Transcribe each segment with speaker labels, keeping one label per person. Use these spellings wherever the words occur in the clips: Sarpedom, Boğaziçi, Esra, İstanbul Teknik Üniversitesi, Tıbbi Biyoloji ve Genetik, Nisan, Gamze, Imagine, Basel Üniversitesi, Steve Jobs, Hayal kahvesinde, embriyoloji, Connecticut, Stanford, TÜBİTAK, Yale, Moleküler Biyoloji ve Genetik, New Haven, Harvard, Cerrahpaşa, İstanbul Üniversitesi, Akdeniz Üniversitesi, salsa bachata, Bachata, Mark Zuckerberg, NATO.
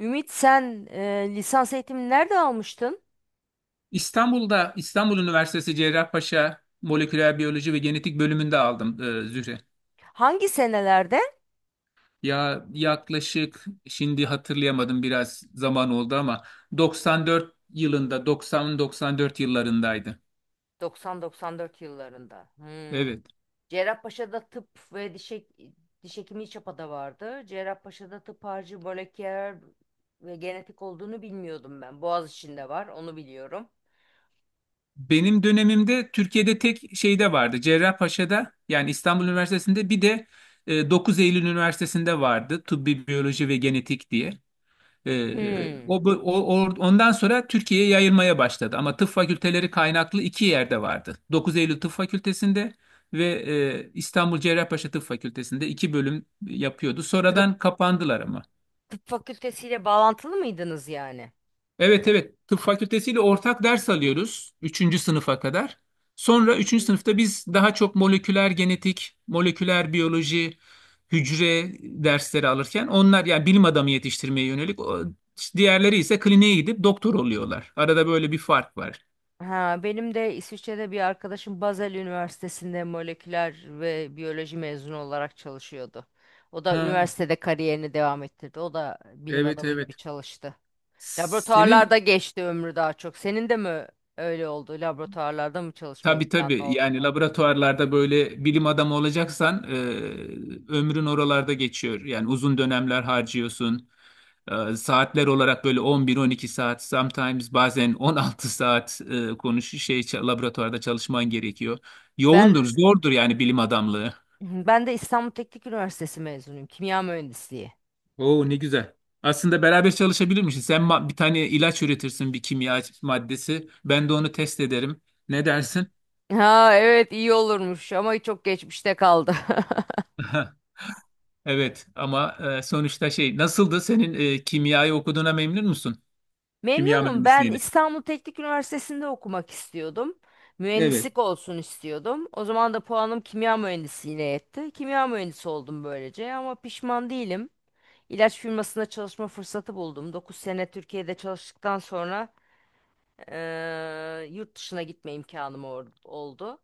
Speaker 1: Ümit sen lisans eğitimini nerede almıştın?
Speaker 2: İstanbul'da İstanbul Üniversitesi Cerrahpaşa Moleküler Biyoloji ve Genetik bölümünde aldım Zühre.
Speaker 1: Hangi senelerde?
Speaker 2: Ya yaklaşık şimdi hatırlayamadım, biraz zaman oldu ama 94 yılında, 90-94 yıllarındaydı.
Speaker 1: 90-94 yıllarında. Hmm.
Speaker 2: Evet.
Speaker 1: Cerrahpaşa'da tıp ve diş hekimliği çapada vardı. Cerrahpaşa'da tıp harcı moleküler ve genetik olduğunu bilmiyordum ben. Boğaziçi'nde var, onu biliyorum.
Speaker 2: Benim dönemimde Türkiye'de tek şeyde vardı. Cerrahpaşa'da yani İstanbul Üniversitesi'nde, bir de 9 Eylül Üniversitesi'nde vardı. Tıbbi Biyoloji ve Genetik diye.
Speaker 1: Hmm.
Speaker 2: O, bu- o, o- Ondan sonra Türkiye'ye yayılmaya başladı. Ama tıp fakülteleri kaynaklı iki yerde vardı. 9 Eylül Tıp Fakültesi'nde ve İstanbul Cerrahpaşa Tıp Fakültesi'nde iki bölüm yapıyordu.
Speaker 1: Tıp,
Speaker 2: Sonradan kapandılar ama.
Speaker 1: tıp fakültesiyle bağlantılı mıydınız yani?
Speaker 2: Evet, evet, tıp fakültesiyle ortak ders alıyoruz üçüncü sınıfa kadar. Sonra üçüncü
Speaker 1: Hı.
Speaker 2: sınıfta biz daha çok moleküler genetik, moleküler biyoloji, hücre dersleri alırken, onlar yani bilim adamı yetiştirmeye yönelik diğerleri ise kliniğe gidip doktor oluyorlar. Arada böyle bir fark var.
Speaker 1: Ha, benim de İsviçre'de bir arkadaşım Basel Üniversitesi'nde moleküler ve biyoloji mezunu olarak çalışıyordu. O da
Speaker 2: Ha,
Speaker 1: üniversitede kariyerini devam ettirdi. O da bilim
Speaker 2: evet,
Speaker 1: adamı gibi
Speaker 2: evet.
Speaker 1: çalıştı.
Speaker 2: Senin.
Speaker 1: Laboratuvarlarda geçti ömrü daha çok. Senin de mi öyle oldu? Laboratuvarlarda mı çalışma
Speaker 2: Tabii,
Speaker 1: imkanı
Speaker 2: tabii,
Speaker 1: oldu?
Speaker 2: yani laboratuvarlarda böyle bilim adamı olacaksan ömrün oralarda geçiyor. Yani uzun dönemler harcıyorsun. Saatler olarak böyle 11-12 saat, sometimes bazen 16 saat laboratuvarda çalışman gerekiyor. Yoğundur,
Speaker 1: Ben
Speaker 2: zordur yani bilim adamlığı.
Speaker 1: ben de İstanbul Teknik Üniversitesi mezunuyum. Kimya mühendisliği.
Speaker 2: Oo, ne güzel. Aslında beraber çalışabilirmişiz. Bir tane ilaç üretirsin, bir kimya maddesi. Ben de onu test ederim. Ne dersin?
Speaker 1: Ha evet iyi olurmuş ama çok geçmişte kaldı.
Speaker 2: Evet ama sonuçta şey nasıldı senin kimyayı okuduğuna memnun musun? Kimya
Speaker 1: Memnunum. Ben
Speaker 2: mühendisliğini.
Speaker 1: İstanbul Teknik Üniversitesi'nde okumak istiyordum.
Speaker 2: Evet.
Speaker 1: Mühendislik olsun istiyordum. O zaman da puanım kimya mühendisliğine yetti. Kimya mühendisi oldum böylece ama pişman değilim. İlaç firmasında çalışma fırsatı buldum. 9 sene Türkiye'de çalıştıktan sonra yurt dışına gitme oldu.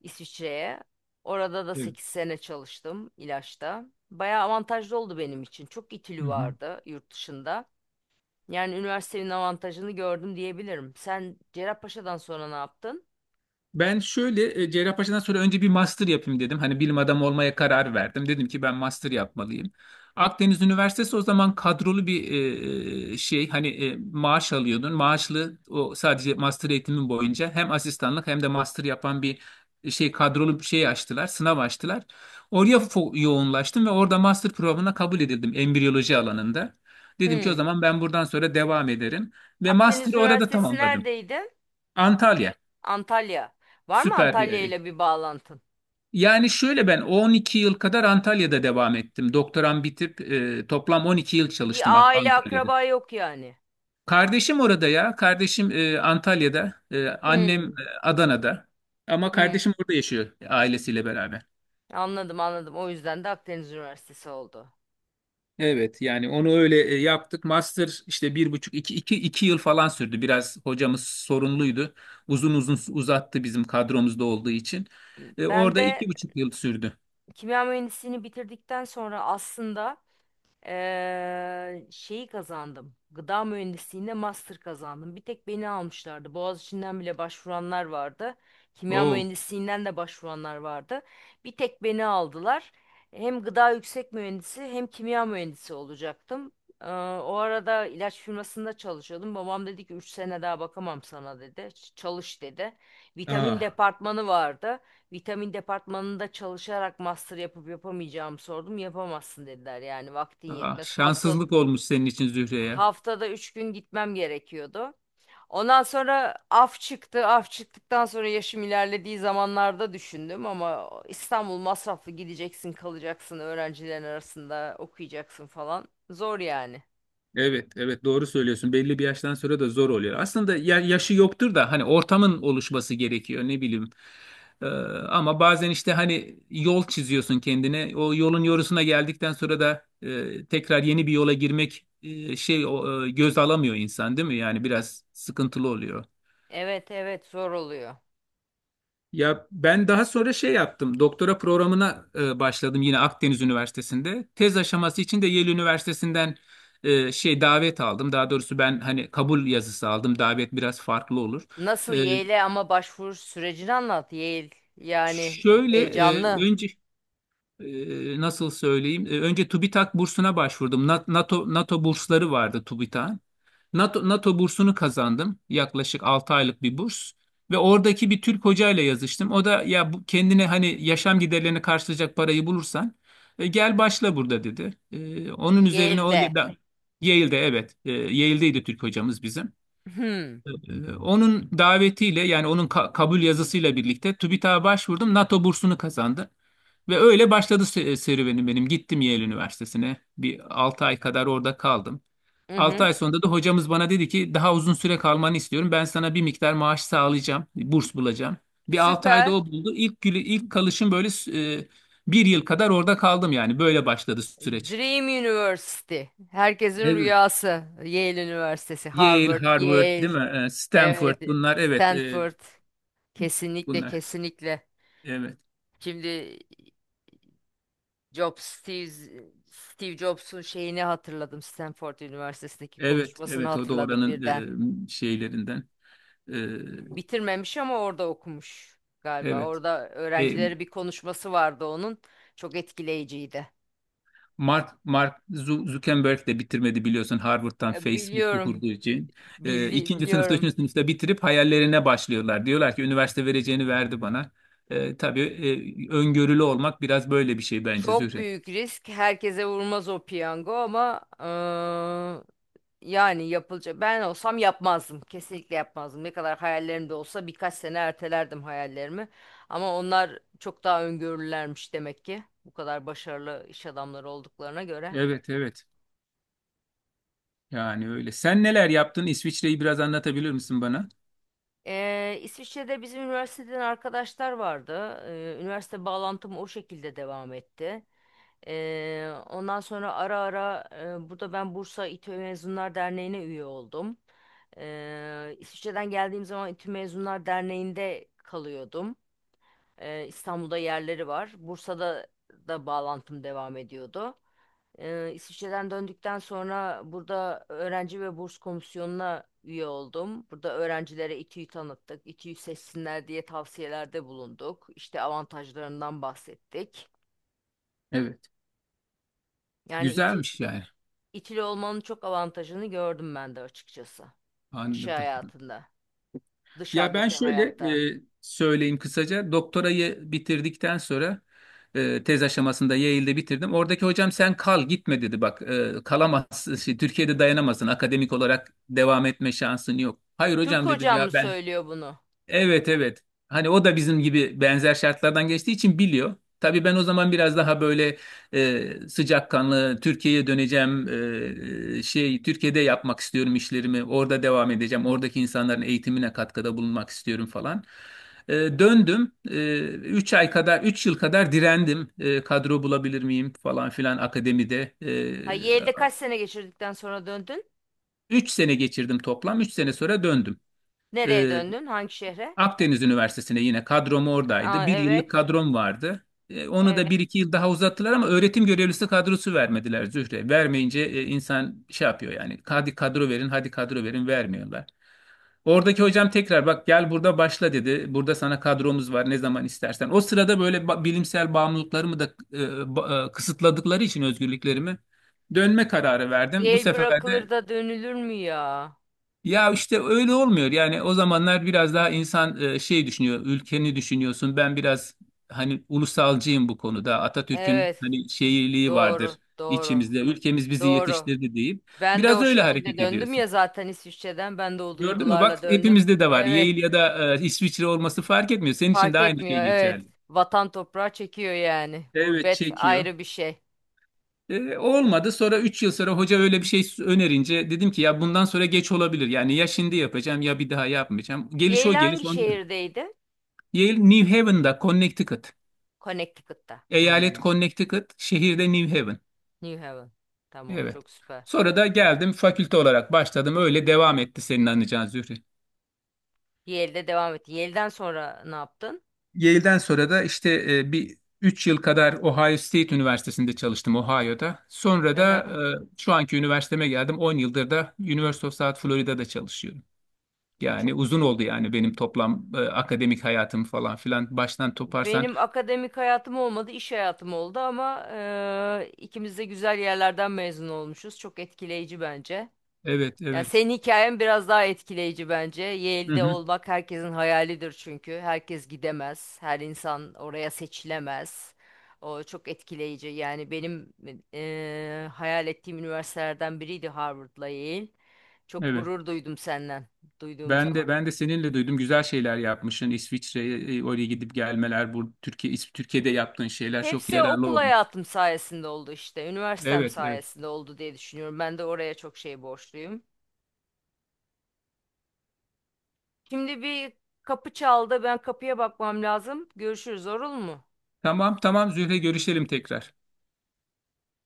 Speaker 1: İsviçre'ye. Orada da
Speaker 2: Evet.
Speaker 1: 8 sene çalıştım ilaçta. Bayağı avantajlı oldu benim için. Çok
Speaker 2: Hı
Speaker 1: itülü
Speaker 2: hı.
Speaker 1: vardı yurt dışında. Yani üniversitenin avantajını gördüm diyebilirim. Sen Cerrahpaşa'dan sonra ne yaptın?
Speaker 2: Ben şöyle Cerrahpaşa'dan sonra önce bir master yapayım dedim. Hani bilim adamı olmaya karar verdim. Dedim ki ben master yapmalıyım. Akdeniz Üniversitesi o zaman kadrolu bir şey, hani maaş alıyordun. Maaşlı, o sadece master eğitimin boyunca hem asistanlık hem de master yapan bir şey, kadrolu bir şey açtılar. Sınav açtılar. Yoğunlaştım ve orada master programına kabul edildim embriyoloji alanında. Dedim ki o
Speaker 1: Hmm.
Speaker 2: zaman ben buradan sonra devam ederim ve
Speaker 1: Akdeniz
Speaker 2: master'ı orada
Speaker 1: Üniversitesi
Speaker 2: tamamladım.
Speaker 1: neredeydi?
Speaker 2: Antalya
Speaker 1: Antalya. Var mı
Speaker 2: süper bir
Speaker 1: Antalya
Speaker 2: yer.
Speaker 1: ile bir bağlantın?
Speaker 2: Yani şöyle, ben 12 yıl kadar Antalya'da devam ettim. Doktoram bitip toplam 12 yıl çalıştım
Speaker 1: Bir aile
Speaker 2: Antalya'da.
Speaker 1: akraba yok yani.
Speaker 2: Kardeşim orada ya. Kardeşim Antalya'da. Annem
Speaker 1: Hmm.
Speaker 2: Adana'da. Ama
Speaker 1: Hmm.
Speaker 2: kardeşim orada yaşıyor ailesiyle beraber.
Speaker 1: Anladım anladım. O yüzden de Akdeniz Üniversitesi oldu.
Speaker 2: Evet, yani onu öyle yaptık. Master işte bir buçuk iki, iki, yıl falan sürdü. Biraz hocamız sorunluydu. Uzun uzun uzattı bizim kadromuzda olduğu için.
Speaker 1: Ben
Speaker 2: Orada
Speaker 1: de
Speaker 2: iki buçuk yıl sürdü.
Speaker 1: kimya mühendisliğini bitirdikten sonra aslında şeyi kazandım. Gıda mühendisliğinde master kazandım. Bir tek beni almışlardı. Boğaziçi'nden bile başvuranlar vardı. Kimya
Speaker 2: Oo.
Speaker 1: mühendisliğinden de başvuranlar vardı. Bir tek beni aldılar. Hem gıda yüksek mühendisi hem kimya mühendisi olacaktım. Ee, o arada ilaç firmasında çalışıyordum. Babam dedi ki 3 sene daha bakamam sana dedi. Çalış dedi. Vitamin
Speaker 2: Aa.
Speaker 1: departmanı vardı. Vitamin departmanında çalışarak master yapıp yapamayacağımı sordum. Yapamazsın dediler. Yani vaktin
Speaker 2: Ah,
Speaker 1: yetmez.
Speaker 2: şanssızlık olmuş senin için Zühre ya.
Speaker 1: Haftada 3 gün gitmem gerekiyordu. Ondan sonra af çıktı. Af çıktıktan sonra yaşım ilerlediği zamanlarda düşündüm ama İstanbul masraflı gideceksin, kalacaksın, öğrencilerin arasında okuyacaksın falan. Zor yani.
Speaker 2: Evet, evet, doğru söylüyorsun. Belli bir yaştan sonra da zor oluyor. Aslında yaşı yoktur da, hani ortamın oluşması gerekiyor, ne bileyim. Ee, Ama bazen işte hani yol çiziyorsun kendine. O yolun yorusuna geldikten sonra da tekrar yeni bir yola girmek göz alamıyor insan, değil mi? Yani biraz sıkıntılı oluyor.
Speaker 1: Evet evet zor oluyor.
Speaker 2: Ya ben daha sonra şey yaptım. Doktora programına başladım yine Akdeniz Üniversitesi'nde. Tez aşaması için de Yale Üniversitesi'nden şey, davet aldım. Daha doğrusu ben hani kabul yazısı aldım. Davet biraz farklı olur.
Speaker 1: Nasıl
Speaker 2: E,
Speaker 1: Yale'e ama başvuru sürecini anlat. Yale yani heyecanlı.
Speaker 2: önce nasıl söyleyeyim? Önce TÜBİTAK bursuna başvurdum. NATO bursları vardı TÜBİTAK'ın. NATO bursunu kazandım. Yaklaşık 6 aylık bir burs. Ve oradaki bir Türk hocayla yazıştım. O da, ya bu, kendine hani yaşam giderlerini karşılayacak parayı bulursan gel başla burada dedi. Onun üzerine, o
Speaker 1: Yale'de.
Speaker 2: ya da Yale'de, evet. Yale'deydi Türk hocamız bizim.
Speaker 1: Hmm.
Speaker 2: Onun davetiyle, yani onun kabul yazısıyla birlikte TÜBİTAK'a başvurdum. NATO bursunu kazandı. Ve öyle başladı serüvenim benim. Gittim Yale Üniversitesi'ne. Bir 6 ay kadar orada kaldım.
Speaker 1: Hı
Speaker 2: 6
Speaker 1: hı.
Speaker 2: ay sonunda da hocamız bana dedi ki daha uzun süre kalmanı istiyorum. Ben sana bir miktar maaş sağlayacağım. Burs bulacağım. Bir 6 ayda
Speaker 1: Süper.
Speaker 2: o buldu. İlk kalışım böyle e, bir yıl kadar orada kaldım yani. Böyle başladı süreç.
Speaker 1: Dream University. Herkesin
Speaker 2: Evet.
Speaker 1: rüyası. Yale Üniversitesi,
Speaker 2: Yale,
Speaker 1: Harvard,
Speaker 2: Harvard,
Speaker 1: Yale,
Speaker 2: değil mi? Stanford,
Speaker 1: evet,
Speaker 2: bunlar, evet,
Speaker 1: Stanford. Kesinlikle,
Speaker 2: bunlar.
Speaker 1: kesinlikle.
Speaker 2: Evet.
Speaker 1: Şimdi Jobs, Steve, Steve Jobs'un şeyini hatırladım. Stanford Üniversitesi'ndeki
Speaker 2: Evet,
Speaker 1: konuşmasını
Speaker 2: evet, o da
Speaker 1: hatırladım
Speaker 2: oranın
Speaker 1: birden.
Speaker 2: şeylerinden. E,
Speaker 1: Bitirmemiş ama orada okumuş galiba.
Speaker 2: evet.
Speaker 1: Orada
Speaker 2: E,
Speaker 1: öğrencilere bir konuşması vardı onun. Çok etkileyiciydi.
Speaker 2: Mark Zuckerberg de bitirmedi, biliyorsun, Harvard'dan
Speaker 1: Ya
Speaker 2: Facebook'u
Speaker 1: biliyorum,
Speaker 2: kurduğu için. İkinci sınıfta,
Speaker 1: biliyorum.
Speaker 2: üçüncü sınıfta bitirip hayallerine başlıyorlar. Diyorlar ki üniversite vereceğini verdi bana. Tabii öngörülü olmak biraz böyle bir şey bence
Speaker 1: Çok
Speaker 2: Zühre.
Speaker 1: büyük risk. Herkese vurmaz o piyango ama yani yapılacak. Ben olsam yapmazdım. Kesinlikle yapmazdım. Ne kadar hayallerimde olsa birkaç sene ertelerdim hayallerimi. Ama onlar çok daha öngörülermiş demek ki. Bu kadar başarılı iş adamları olduklarına göre.
Speaker 2: Evet, evet, yani öyle. Sen neler yaptın? İsviçre'yi biraz anlatabilir misin bana?
Speaker 1: İsviçre'de bizim üniversiteden arkadaşlar vardı. Üniversite bağlantım o şekilde devam etti. Ondan sonra ara ara burada ben Bursa İTÜ Mezunlar Derneği'ne üye oldum. İsviçre'den geldiğim zaman İTÜ Mezunlar Derneği'nde kalıyordum. İstanbul'da yerleri var. Bursa'da da bağlantım devam ediyordu. İsviçre'den döndükten sonra burada öğrenci ve burs komisyonuna üye oldum. Burada öğrencilere İTÜ'yü tanıttık. İTÜ'yü seçsinler diye tavsiyelerde bulunduk. İşte avantajlarından bahsettik.
Speaker 2: Evet.
Speaker 1: Yani
Speaker 2: Güzelmiş yani.
Speaker 1: İTÜ'lü olmanın çok avantajını gördüm ben de açıkçası. İş
Speaker 2: Anladım.
Speaker 1: hayatında,
Speaker 2: Ya ben
Speaker 1: dışarıdaki
Speaker 2: şöyle
Speaker 1: hayatta.
Speaker 2: söyleyeyim kısaca. Doktorayı bitirdikten sonra tez aşamasında Yale'de bitirdim. Oradaki hocam, sen kal, gitme dedi. Bak, kalamazsın. Şey, Türkiye'de dayanamazsın. Akademik olarak devam etme şansın yok. Hayır
Speaker 1: Türk
Speaker 2: hocam, dedim,
Speaker 1: hocam
Speaker 2: ya
Speaker 1: mı
Speaker 2: ben.
Speaker 1: söylüyor bunu?
Speaker 2: Evet, evet. Hani o da bizim gibi benzer şartlardan geçtiği için biliyor. Tabii ben o zaman biraz daha böyle sıcakkanlı Türkiye'ye döneceğim, Türkiye'de yapmak istiyorum işlerimi, orada devam edeceğim, oradaki insanların eğitimine katkıda bulunmak istiyorum falan. Döndüm. Üç yıl kadar direndim. Kadro bulabilir miyim falan filan akademide.
Speaker 1: Ha Yale'de kaç sene geçirdikten sonra döndün?
Speaker 2: Üç sene geçirdim toplam, 3 sene sonra döndüm.
Speaker 1: Nereye
Speaker 2: E,
Speaker 1: döndün? Hangi şehre?
Speaker 2: Akdeniz Üniversitesi'ne, yine kadrom
Speaker 1: Aa,
Speaker 2: oradaydı. Bir yıllık
Speaker 1: evet,
Speaker 2: kadrom vardı. Onu da bir
Speaker 1: evet.
Speaker 2: iki yıl daha uzattılar ama öğretim görevlisi kadrosu vermediler Zühre. Vermeyince insan şey yapıyor yani. Hadi kadro verin, hadi kadro verin, vermiyorlar. Oradaki hocam tekrar, bak gel burada başla dedi. Burada sana kadromuz var ne zaman istersen. O sırada böyle bilimsel bağımlılıklarımı da kısıtladıkları için özgürlüklerimi, dönme kararı verdim. Bu
Speaker 1: Yale
Speaker 2: sefer de
Speaker 1: bırakılır da dönülür mü ya?
Speaker 2: ya, işte öyle olmuyor. Yani o zamanlar biraz daha insan düşünüyor, ülkeni düşünüyorsun. Ben biraz hani ulusalcıyım bu konuda. Atatürk'ün
Speaker 1: Evet.
Speaker 2: hani şeyliği
Speaker 1: Doğru.
Speaker 2: vardır
Speaker 1: Doğru.
Speaker 2: içimizde. Ülkemiz bizi
Speaker 1: Doğru.
Speaker 2: yetiştirdi deyip
Speaker 1: Ben de
Speaker 2: biraz
Speaker 1: o
Speaker 2: öyle
Speaker 1: şekilde
Speaker 2: hareket
Speaker 1: döndüm
Speaker 2: ediyorsun.
Speaker 1: ya zaten İsviçre'den. Ben de o
Speaker 2: Gördün mü? Bak,
Speaker 1: duygularla döndüm.
Speaker 2: hepimizde de var.
Speaker 1: Evet.
Speaker 2: Yale ya da İsviçre olması fark etmiyor. Senin için de
Speaker 1: Fark
Speaker 2: aynı
Speaker 1: etmiyor.
Speaker 2: şey
Speaker 1: Evet.
Speaker 2: geçerli.
Speaker 1: Vatan toprağı çekiyor yani.
Speaker 2: Evet,
Speaker 1: Gurbet
Speaker 2: çekiyor.
Speaker 1: ayrı bir şey.
Speaker 2: Olmadı. Sonra 3 yıl sonra hoca öyle bir şey önerince dedim ki ya bundan sonra geç olabilir. Yani ya şimdi yapacağım ya bir daha yapmayacağım. Geliş o
Speaker 1: Yale
Speaker 2: geliş
Speaker 1: hangi
Speaker 2: ondan.
Speaker 1: şehirdeydi?
Speaker 2: Yale New Haven'da, Connecticut.
Speaker 1: Connecticut'ta.
Speaker 2: Eyalet
Speaker 1: Hmm.
Speaker 2: Connecticut, şehirde New Haven.
Speaker 1: New Haven. Tamam.
Speaker 2: Evet.
Speaker 1: Çok süper.
Speaker 2: Sonra da geldim, fakülte olarak başladım. Öyle devam etti senin anlayacağın Zühre.
Speaker 1: Yale'de devam et. Yale'den sonra ne yaptın?
Speaker 2: Yale'den sonra da işte bir 3 yıl kadar Ohio State Üniversitesi'nde çalıştım, Ohio'da. Sonra
Speaker 1: Hı
Speaker 2: da
Speaker 1: hı.
Speaker 2: şu anki üniversiteme geldim. 10 yıldır da University of South Florida'da çalışıyorum. Yani
Speaker 1: Çok
Speaker 2: uzun
Speaker 1: güç.
Speaker 2: oldu yani benim toplam akademik hayatım falan filan. Baştan toparsan.
Speaker 1: Benim akademik hayatım olmadı, iş hayatım oldu ama ikimiz de güzel yerlerden mezun olmuşuz. Çok etkileyici bence.
Speaker 2: Evet,
Speaker 1: Ya
Speaker 2: evet.
Speaker 1: senin hikayen biraz daha etkileyici bence.
Speaker 2: Hı
Speaker 1: Yale'de
Speaker 2: hı,
Speaker 1: olmak herkesin hayalidir çünkü. Herkes gidemez, her insan oraya seçilemez. O çok etkileyici. Yani benim hayal ettiğim üniversitelerden biriydi Harvard'la Yale. Çok
Speaker 2: evet.
Speaker 1: gurur duydum senden duyduğum
Speaker 2: Ben
Speaker 1: zaman.
Speaker 2: de ben de seninle duydum, güzel şeyler yapmışsın. İsviçre'ye oraya gidip gelmeler, bu Türkiye'de yaptığın şeyler çok
Speaker 1: Hepsi
Speaker 2: yararlı
Speaker 1: okul
Speaker 2: olmuş.
Speaker 1: hayatım sayesinde oldu işte. Üniversitem
Speaker 2: Evet, evet.
Speaker 1: sayesinde oldu diye düşünüyorum. Ben de oraya çok şey borçluyum. Şimdi bir kapı çaldı. Ben kapıya bakmam lazım. Görüşürüz, olur mu?
Speaker 2: Tamam, tamam Zühre, görüşelim tekrar.